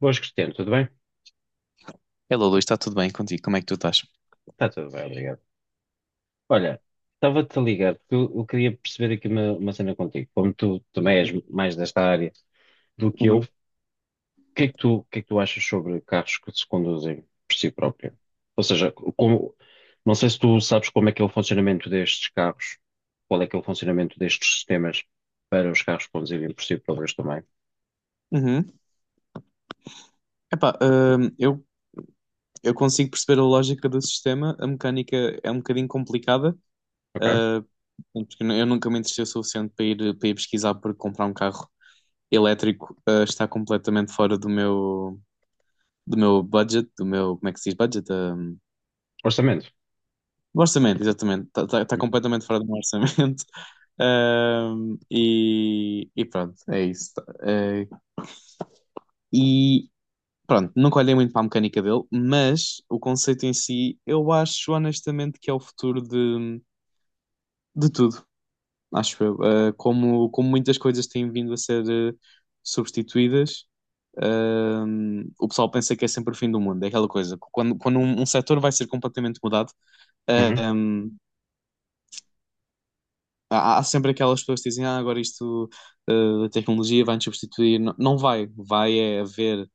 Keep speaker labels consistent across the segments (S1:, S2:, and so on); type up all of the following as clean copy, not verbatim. S1: Boas, Cristiano, tudo bem?
S2: Hello, Luís, está tudo bem contigo? Como é que tu estás?
S1: Está tudo bem, obrigado. Olha, estava-te a ligar porque eu queria perceber aqui uma cena contigo. Como tu também és mais desta área do que eu, o que é que tu, o que é que tu achas sobre carros que se conduzem por si próprio? Ou seja, como, não sei se tu sabes como é que é o funcionamento destes carros, qual é que é o funcionamento destes sistemas para os carros conduzirem por si próprios também,
S2: Uhum. Epá, eu consigo perceber a lógica do sistema, a mecânica é um bocadinho complicada,
S1: ok?
S2: ah, porque eu nunca me interessei o suficiente para ir, pesquisar porque comprar um carro elétrico, está completamente fora do meu budget, do meu, como é que se diz budget?
S1: Orçamento.
S2: Do orçamento, exatamente, está
S1: Uhum.
S2: completamente fora do meu orçamento. Ah, e pronto, é isso. Ah, e Pronto, nunca olhei muito para a mecânica dele, mas o conceito em si, eu acho honestamente que é o futuro de tudo, acho eu. Como muitas coisas têm vindo a ser substituídas, ah, o pessoal pensa que é sempre o fim do mundo, é aquela coisa. Quando um setor vai ser completamente mudado, ah,
S1: Uhum.
S2: há sempre aquelas pessoas que dizem, agora isto, a tecnologia vai nos substituir. Não, não vai, é haver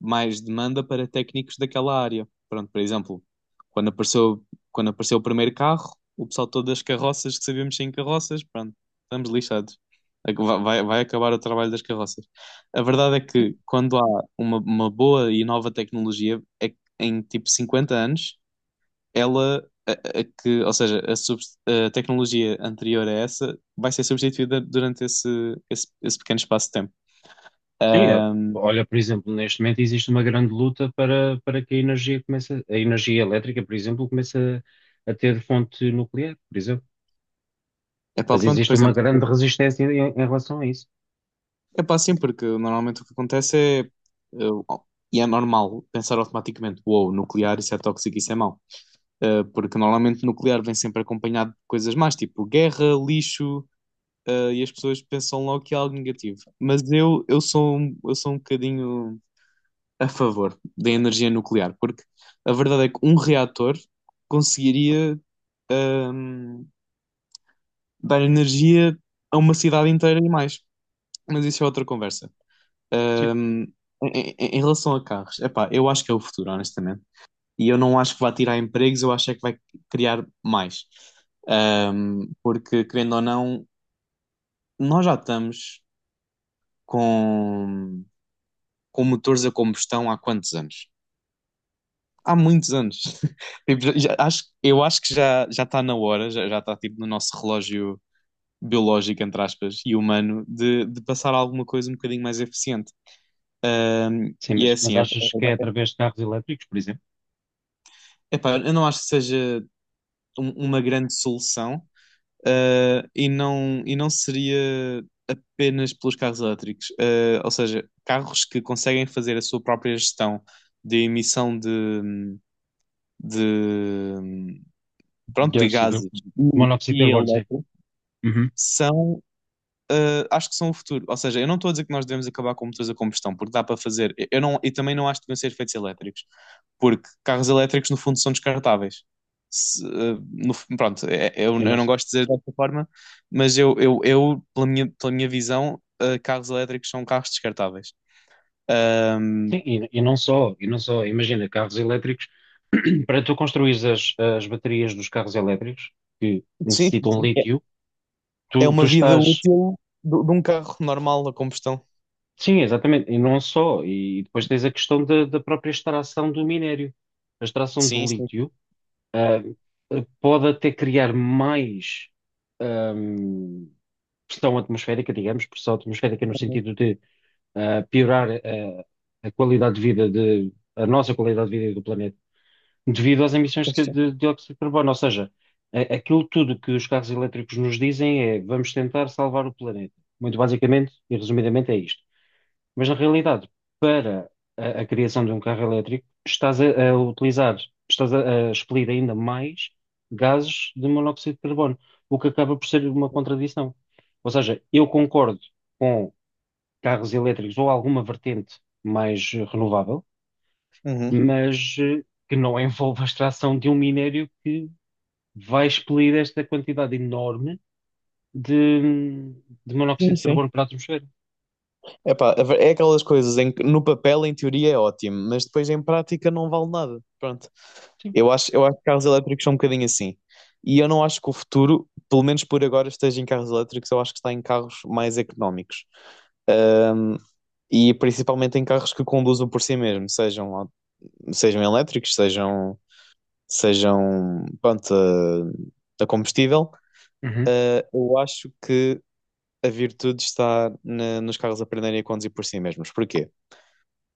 S2: mais demanda para técnicos daquela área. Pronto, por exemplo, quando apareceu, quando apareceu o primeiro carro, o pessoal todo das carroças que sabíamos sem carroças, pronto, estamos lixados. É que vai acabar o trabalho das carroças. A verdade é que quando há uma boa e nova tecnologia, é que em tipo 50 anos, ela, a- que, ou seja, a, subs- a tecnologia anterior a essa vai ser substituída durante esse, esse pequeno espaço de tempo.
S1: Sim, é.
S2: Ahm,
S1: Olha, por exemplo, neste momento existe uma grande luta para que a energia comece, a energia elétrica, por exemplo, comece a ter fonte nuclear, por exemplo.
S2: Epá,
S1: Mas
S2: pronto, por
S1: existe uma
S2: exemplo.
S1: grande resistência em relação a isso.
S2: É pá, sim, porque normalmente o que acontece é. Oh, e é normal pensar automaticamente: uou, nuclear, isso é tóxico, isso é mau. Porque normalmente nuclear vem sempre acompanhado de coisas más, tipo guerra, lixo, e as pessoas pensam logo que é algo negativo. Mas eu, eu sou um bocadinho a favor da energia nuclear, porque a verdade é que um reator conseguiria, ehm, dar energia a uma cidade inteira e mais. Mas isso é outra conversa.
S1: Sim,
S2: Um, em, em relação a carros, epá, eu acho que é o futuro, honestamente. E eu não acho que vai tirar empregos, eu acho é que vai criar mais. Porque, querendo ou não, nós já estamos com, com, motores a combustão há quantos anos? Há muitos anos. Tipo, eu acho que já, já, está na hora, já está tipo, no nosso relógio biológico, entre aspas, e humano, de passar a alguma coisa um bocadinho mais eficiente.
S1: sim,
S2: E é
S1: mas
S2: assim,
S1: achas que é através de carros elétricos, por exemplo?
S2: epá, eu não acho que seja uma grande solução, e não seria apenas pelos carros elétricos. Ou seja, carros que conseguem fazer a sua própria gestão de emissão de, de, pronto, de
S1: Dióxido.
S2: gases e,
S1: Monóxido de
S2: e
S1: carbono, sim.
S2: elétrico
S1: Uhum.
S2: são. Acho que são o futuro. Ou seja, eu não estou a dizer que nós devemos acabar com motores a combustão, porque dá para fazer. Eu não, e também não acho que devem ser feitos elétricos, porque carros elétricos, no fundo, são descartáveis. Se, no- fu- pronto, é- é,
S1: E
S2: eu
S1: não,
S2: não
S1: só-
S2: gosto de dizer desta forma, mas eu, pela minha visão, carros elétricos são carros descartáveis. Um,
S1: sim, e não só, e não só, imagina, carros elétricos, para tu construires as baterias dos carros elétricos, que
S2: sim,
S1: necessitam
S2: sim. É,
S1: lítio,
S2: é
S1: tu
S2: uma vida
S1: estás.
S2: útil de um carro normal a combustão.
S1: Sim, exatamente. E não só. E depois tens a questão da própria extração do minério. A extração do
S2: Sim, sim.
S1: lítio, ah, pode até criar mais, ahm, pressão atmosférica, digamos, pressão atmosférica no sentido de, piorar, a qualidade de vida de, a nossa qualidade de vida e do planeta, devido às emissões
S2: Sim, sim.
S1: de dióxido de carbono. Ou seja, a- aquilo tudo que os carros elétricos nos dizem é vamos tentar salvar o planeta. Muito basicamente e resumidamente é isto. Mas na realidade, para a criação de um carro elétrico, estás a utilizar, estás a expelir ainda mais gases de monóxido de carbono, o que acaba por ser uma contradição. Ou seja, eu concordo com carros elétricos ou alguma vertente mais renovável,
S2: Uhum.
S1: mas que não envolva a extração de um minério que vai expelir esta quantidade enorme de, de monóxido
S2: Sim,
S1: de
S2: sim.
S1: carbono para a atmosfera.
S2: Epá, é aquelas coisas em que no papel, em teoria, é ótimo, mas depois em prática não vale nada. Pronto.
S1: Sim.
S2: Eu acho que carros elétricos são um bocadinho assim. E eu não acho que o futuro, pelo menos por agora, esteja em carros elétricos, eu acho que está em carros mais económicos. Ahm, e principalmente em carros que conduzam por si mesmo, sejam elétricos, pronto, a combustível.
S1: Uhum.
S2: Eu acho que a virtude está nos carros aprenderem a conduzir por si mesmos. Porquê?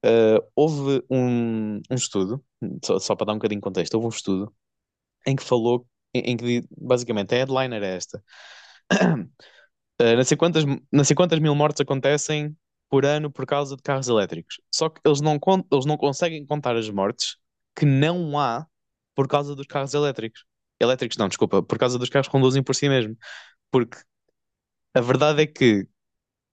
S2: Houve um, um estudo, só, para dar um bocadinho de contexto, houve um estudo em que falou, basicamente a headline era esta: não sei quantas, não sei quantas mil mortes acontecem por ano por causa de carros elétricos. Só que eles não conseguem contar as mortes que não há por causa dos carros elétricos. Elétricos, não, desculpa, por causa dos carros que conduzem por si mesmo. Porque a verdade é que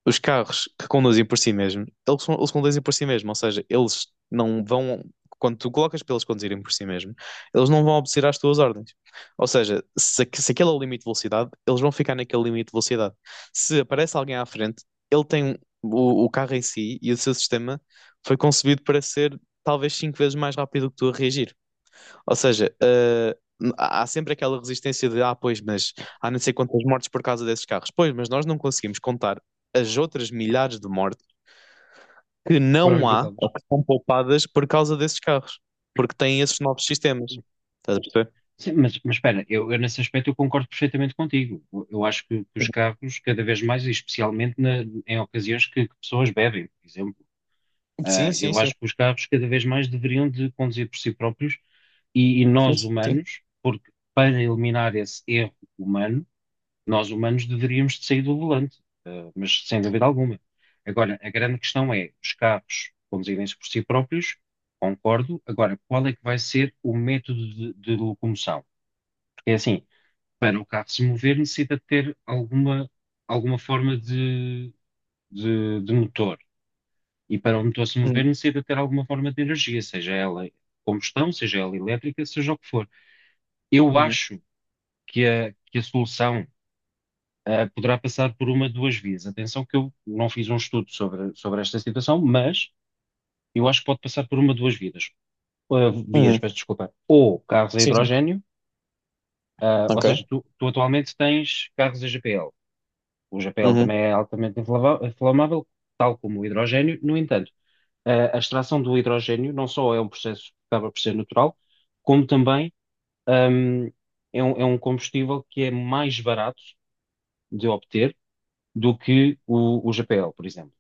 S2: os carros que conduzem por si mesmos, eles conduzem por si mesmos, ou seja, eles não vão, quando tu colocas para eles conduzirem por si mesmos, eles não vão obedecer às tuas ordens. Ou seja, se aquele é o limite de velocidade, eles vão ficar naquele limite de velocidade. Se aparece alguém à frente, ele tem um- o carro em si e o seu sistema foi concebido para ser talvez 5 vezes mais rápido que tu a reagir. Ou seja, há sempre aquela resistência de, pois, mas há não sei quantas mortes por causa desses carros. Pois, mas nós não conseguimos contar as outras milhares de mortes que
S1: Que foram
S2: não há
S1: evitadas.
S2: ou que são poupadas por causa desses carros, porque têm esses novos sistemas. Estás a perceber?
S1: Sim, mas espera, eu nesse aspecto eu concordo perfeitamente contigo. Eu acho que os
S2: Uhum.
S1: carros, cada vez mais, e especialmente na- em ocasiões que pessoas bebem, por exemplo,
S2: Sim, sim,
S1: eu
S2: sim.
S1: acho que os carros cada vez mais deveriam de conduzir por si próprios e
S2: Sim,
S1: nós
S2: sim.
S1: humanos, porque para eliminar esse erro humano, nós humanos deveríamos de sair do volante, mas sem dúvida alguma. Agora, a grande questão é, os carros conduzirem-se por si próprios, concordo. Agora, qual é que vai ser o método de locomoção? Porque é assim, para o carro se mover, necessita de ter alguma, alguma forma de motor. E para o motor se mover,
S2: Uhum,
S1: necessita de ter alguma forma de energia, seja ela combustão, seja ela elétrica, seja o que for. Eu
S2: uhum,
S1: acho que que a solução, poderá passar por uma de duas vias. Atenção que eu não fiz um estudo sobre, sobre esta situação, mas eu acho que pode passar por uma de duas vidas. Ah, vias,
S2: uhum.
S1: peço desculpa. Ou carros a
S2: Sim, sim.
S1: hidrogénio, ou
S2: Ok.
S1: seja, tu atualmente tens carros a GPL. O GPL
S2: Uhum,
S1: também é altamente inflava- inflamável, tal como o hidrogênio. No entanto, a extração do hidrogênio não só é um processo que acaba por ser natural, como também hum, é um combustível que é mais barato de obter do que o GPL, por exemplo.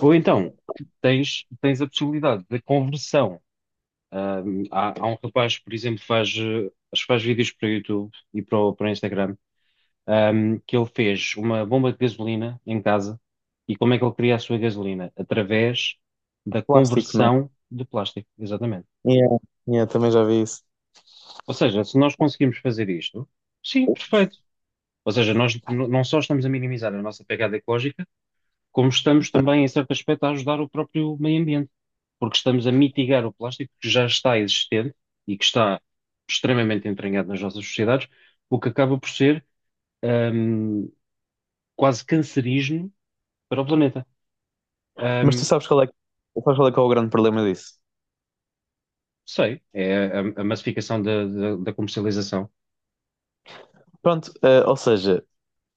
S1: Ou então, tens, tens a possibilidade da conversão. Há, há um rapaz, por exemplo, faz, acho que faz vídeos para o YouTube e para o, para o Instagram um, que ele fez uma bomba de gasolina em casa. E como é que ele cria a sua gasolina? Através da
S2: Plástico, não
S1: conversão de plástico, exatamente.
S2: é? Yeah, yeah, também já vi isso.
S1: Ou seja, se nós conseguimos fazer isto, sim, perfeito. Ou seja, nós n- não só estamos a minimizar a nossa pegada ecológica, como estamos também, em certo aspecto, a ajudar o próprio meio ambiente, porque estamos a mitigar o plástico que já está existente e que está extremamente entranhado nas nossas sociedades, o que acaba por ser, hum, quase cancerígeno para o planeta.
S2: Mas tu
S1: Ahm,
S2: sabes qual é, sabes qual é que é o grande problema disso?
S1: sei, é a massificação da da comercialização.
S2: Pronto, ou seja,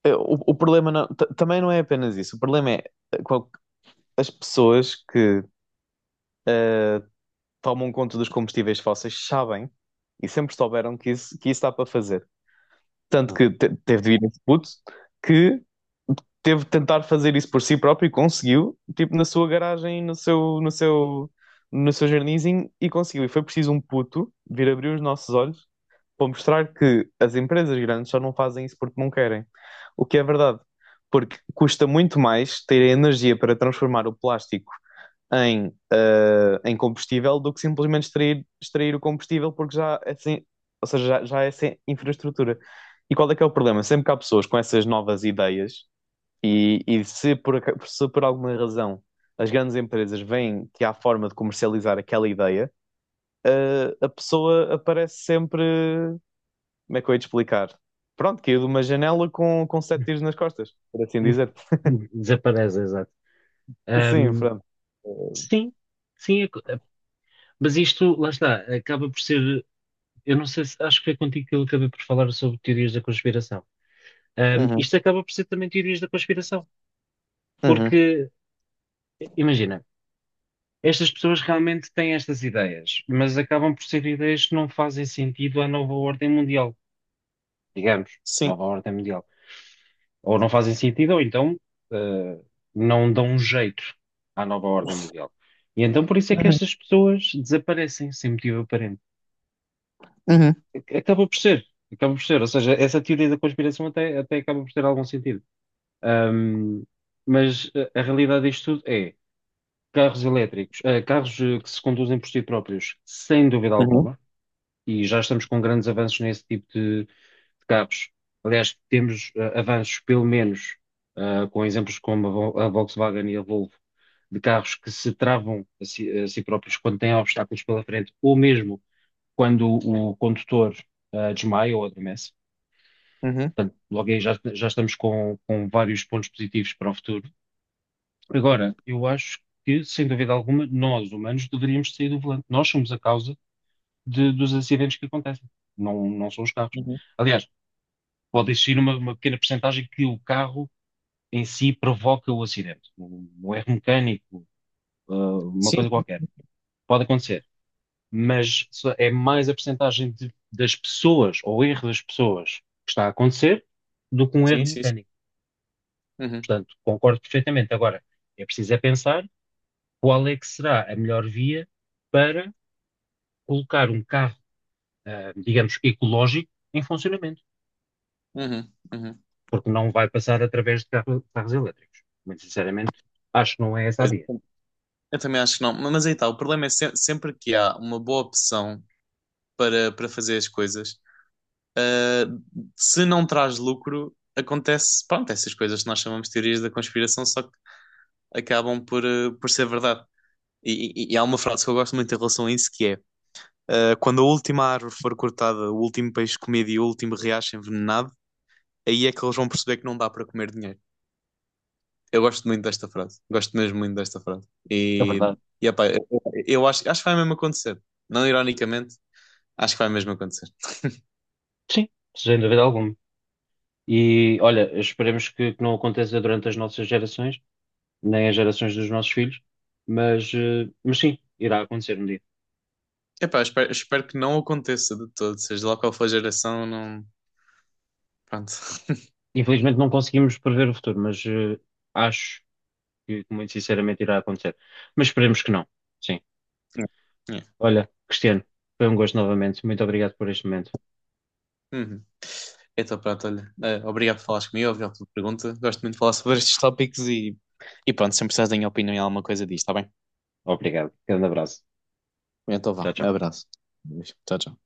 S2: é, o, o problema também não é apenas isso. O problema é eh, qual- as pessoas que eh, tomam conta dos combustíveis fósseis sabem e sempre souberam que isso dá para fazer. Tanto que teve de vir esse puto que teve de tentar fazer isso por si próprio e conseguiu, tipo, na sua garagem, no seu, no seu jardinzinho, e conseguiu. E foi preciso um puto vir abrir os nossos olhos para mostrar que as empresas grandes só não fazem isso porque não querem. O que é verdade, porque custa muito mais ter a energia para transformar o plástico em combustível do que simplesmente extrair, extrair o combustível, porque já é sem, ou seja, já, já é sem infraestrutura. E qual é que é o problema? Sempre que há pessoas com essas novas ideias, se por alguma razão as grandes empresas veem que há forma de comercializar aquela ideia, a pessoa aparece sempre, como é que eu ia te explicar? Pronto, caiu de uma janela com sete tiros nas costas, por assim dizer.
S1: Desaparece, exato.
S2: Sim,
S1: Ahm,
S2: pronto. Uhum,
S1: sim, sim, é co- mas isto, lá está, acaba por ser, eu não sei se, acho que foi contigo que eu acabei por falar sobre teorias da conspiração. Isto acaba por ser também teorias da conspiração,
S2: uhum.
S1: porque, imagina, estas pessoas realmente têm estas ideias, mas acabam por ser ideias que não fazem sentido à nova ordem mundial, digamos,
S2: Sim.
S1: nova ordem mundial. Ou não fazem sentido, ou então eh, não dão um jeito à nova ordem mundial. E então por isso é que
S2: Uhum,
S1: estas pessoas desaparecem sem motivo aparente.
S2: uhum,
S1: Ac- acaba por ser, acaba por ser. Ou seja, essa teoria da conspiração até, até acaba por ter algum sentido. Ahm, mas a realidade disto tudo é carros elétricos, carros que se conduzem por si próprios, sem dúvida
S2: uhum,
S1: alguma e já estamos com grandes avanços nesse tipo de carros. Aliás, temos avanços, pelo menos, com exemplos como a Vol- a Volkswagen e a Volvo, de carros que se travam a si próprios quando têm obstáculos pela frente, ou mesmo quando o condutor desmaia ou adormece.
S2: uhum,
S1: Portanto, logo aí já, já estamos com vários pontos positivos para o futuro. Agora, eu acho que, sem dúvida alguma, nós, humanos, deveríamos sair do volante. Nós somos a causa de- dos acidentes que acontecem. Não, não são os carros.
S2: uhum.
S1: Aliás, pode existir uma pequena percentagem que o carro em si provoca o acidente. Um erro mecânico, ah, uma
S2: Sim,
S1: coisa qualquer. Pode acontecer. Mas só- é mais a percentagem de- das pessoas, ou erro das pessoas, que está a acontecer, do que um
S2: sim,
S1: erro
S2: sim. Sim.
S1: mecânico.
S2: Uhum,
S1: Portanto, concordo perfeitamente. Agora, é preciso é pensar qual é que será a melhor via para colocar um carro, digamos, ecológico em funcionamento.
S2: uhum, uhum.
S1: Porque não vai passar através de carro- carros elétricos. Muito sinceramente, acho que não é essa a via.
S2: A tentação para ver as coisas, se não trago, acon- acabam por, por ser verdade. E há uma frase que eu gosto muito que é: quando a última comida me reacha envenenado, aí é que eles vão perceber que não dá para comer dinheiro. Eu gosto muito desta frase. Gosto mesmo muito desta frase.
S1: É verdade.
S2: Epá, acho que vai mesmo acontecer. Não ironicamente, acho que vai mesmo acontecer.
S1: Sim, sem dúvida alguma. E olha, esperemos que não aconteça durante as nossas gerações, nem as gerações dos nossos filhos, mas, mas sim, irá acontecer um dia.
S2: Epá, espero que não aconteça de todo, seja lá qual for a geração, não. Pronto.
S1: Infelizmente não conseguimos prever o futuro, mas acho que muito sinceramente irá acontecer. Mas esperemos que não. Sim.
S2: Yeah.
S1: Olha, Cristiano, foi um gosto novamente. Muito obrigado por este momento.
S2: Uhum. Então, pronto, olha, obrigado por falares comigo, obrigado pela pergunta. Gosto muito de falar sobre estes tópicos e pronto, sempre precisas da minha opinião em alguma coisa disto, está bem?
S1: Obrigado. Grande abraço.
S2: Então vá,
S1: Tchau,
S2: um
S1: tchau.
S2: abraço. Tchau, tchau.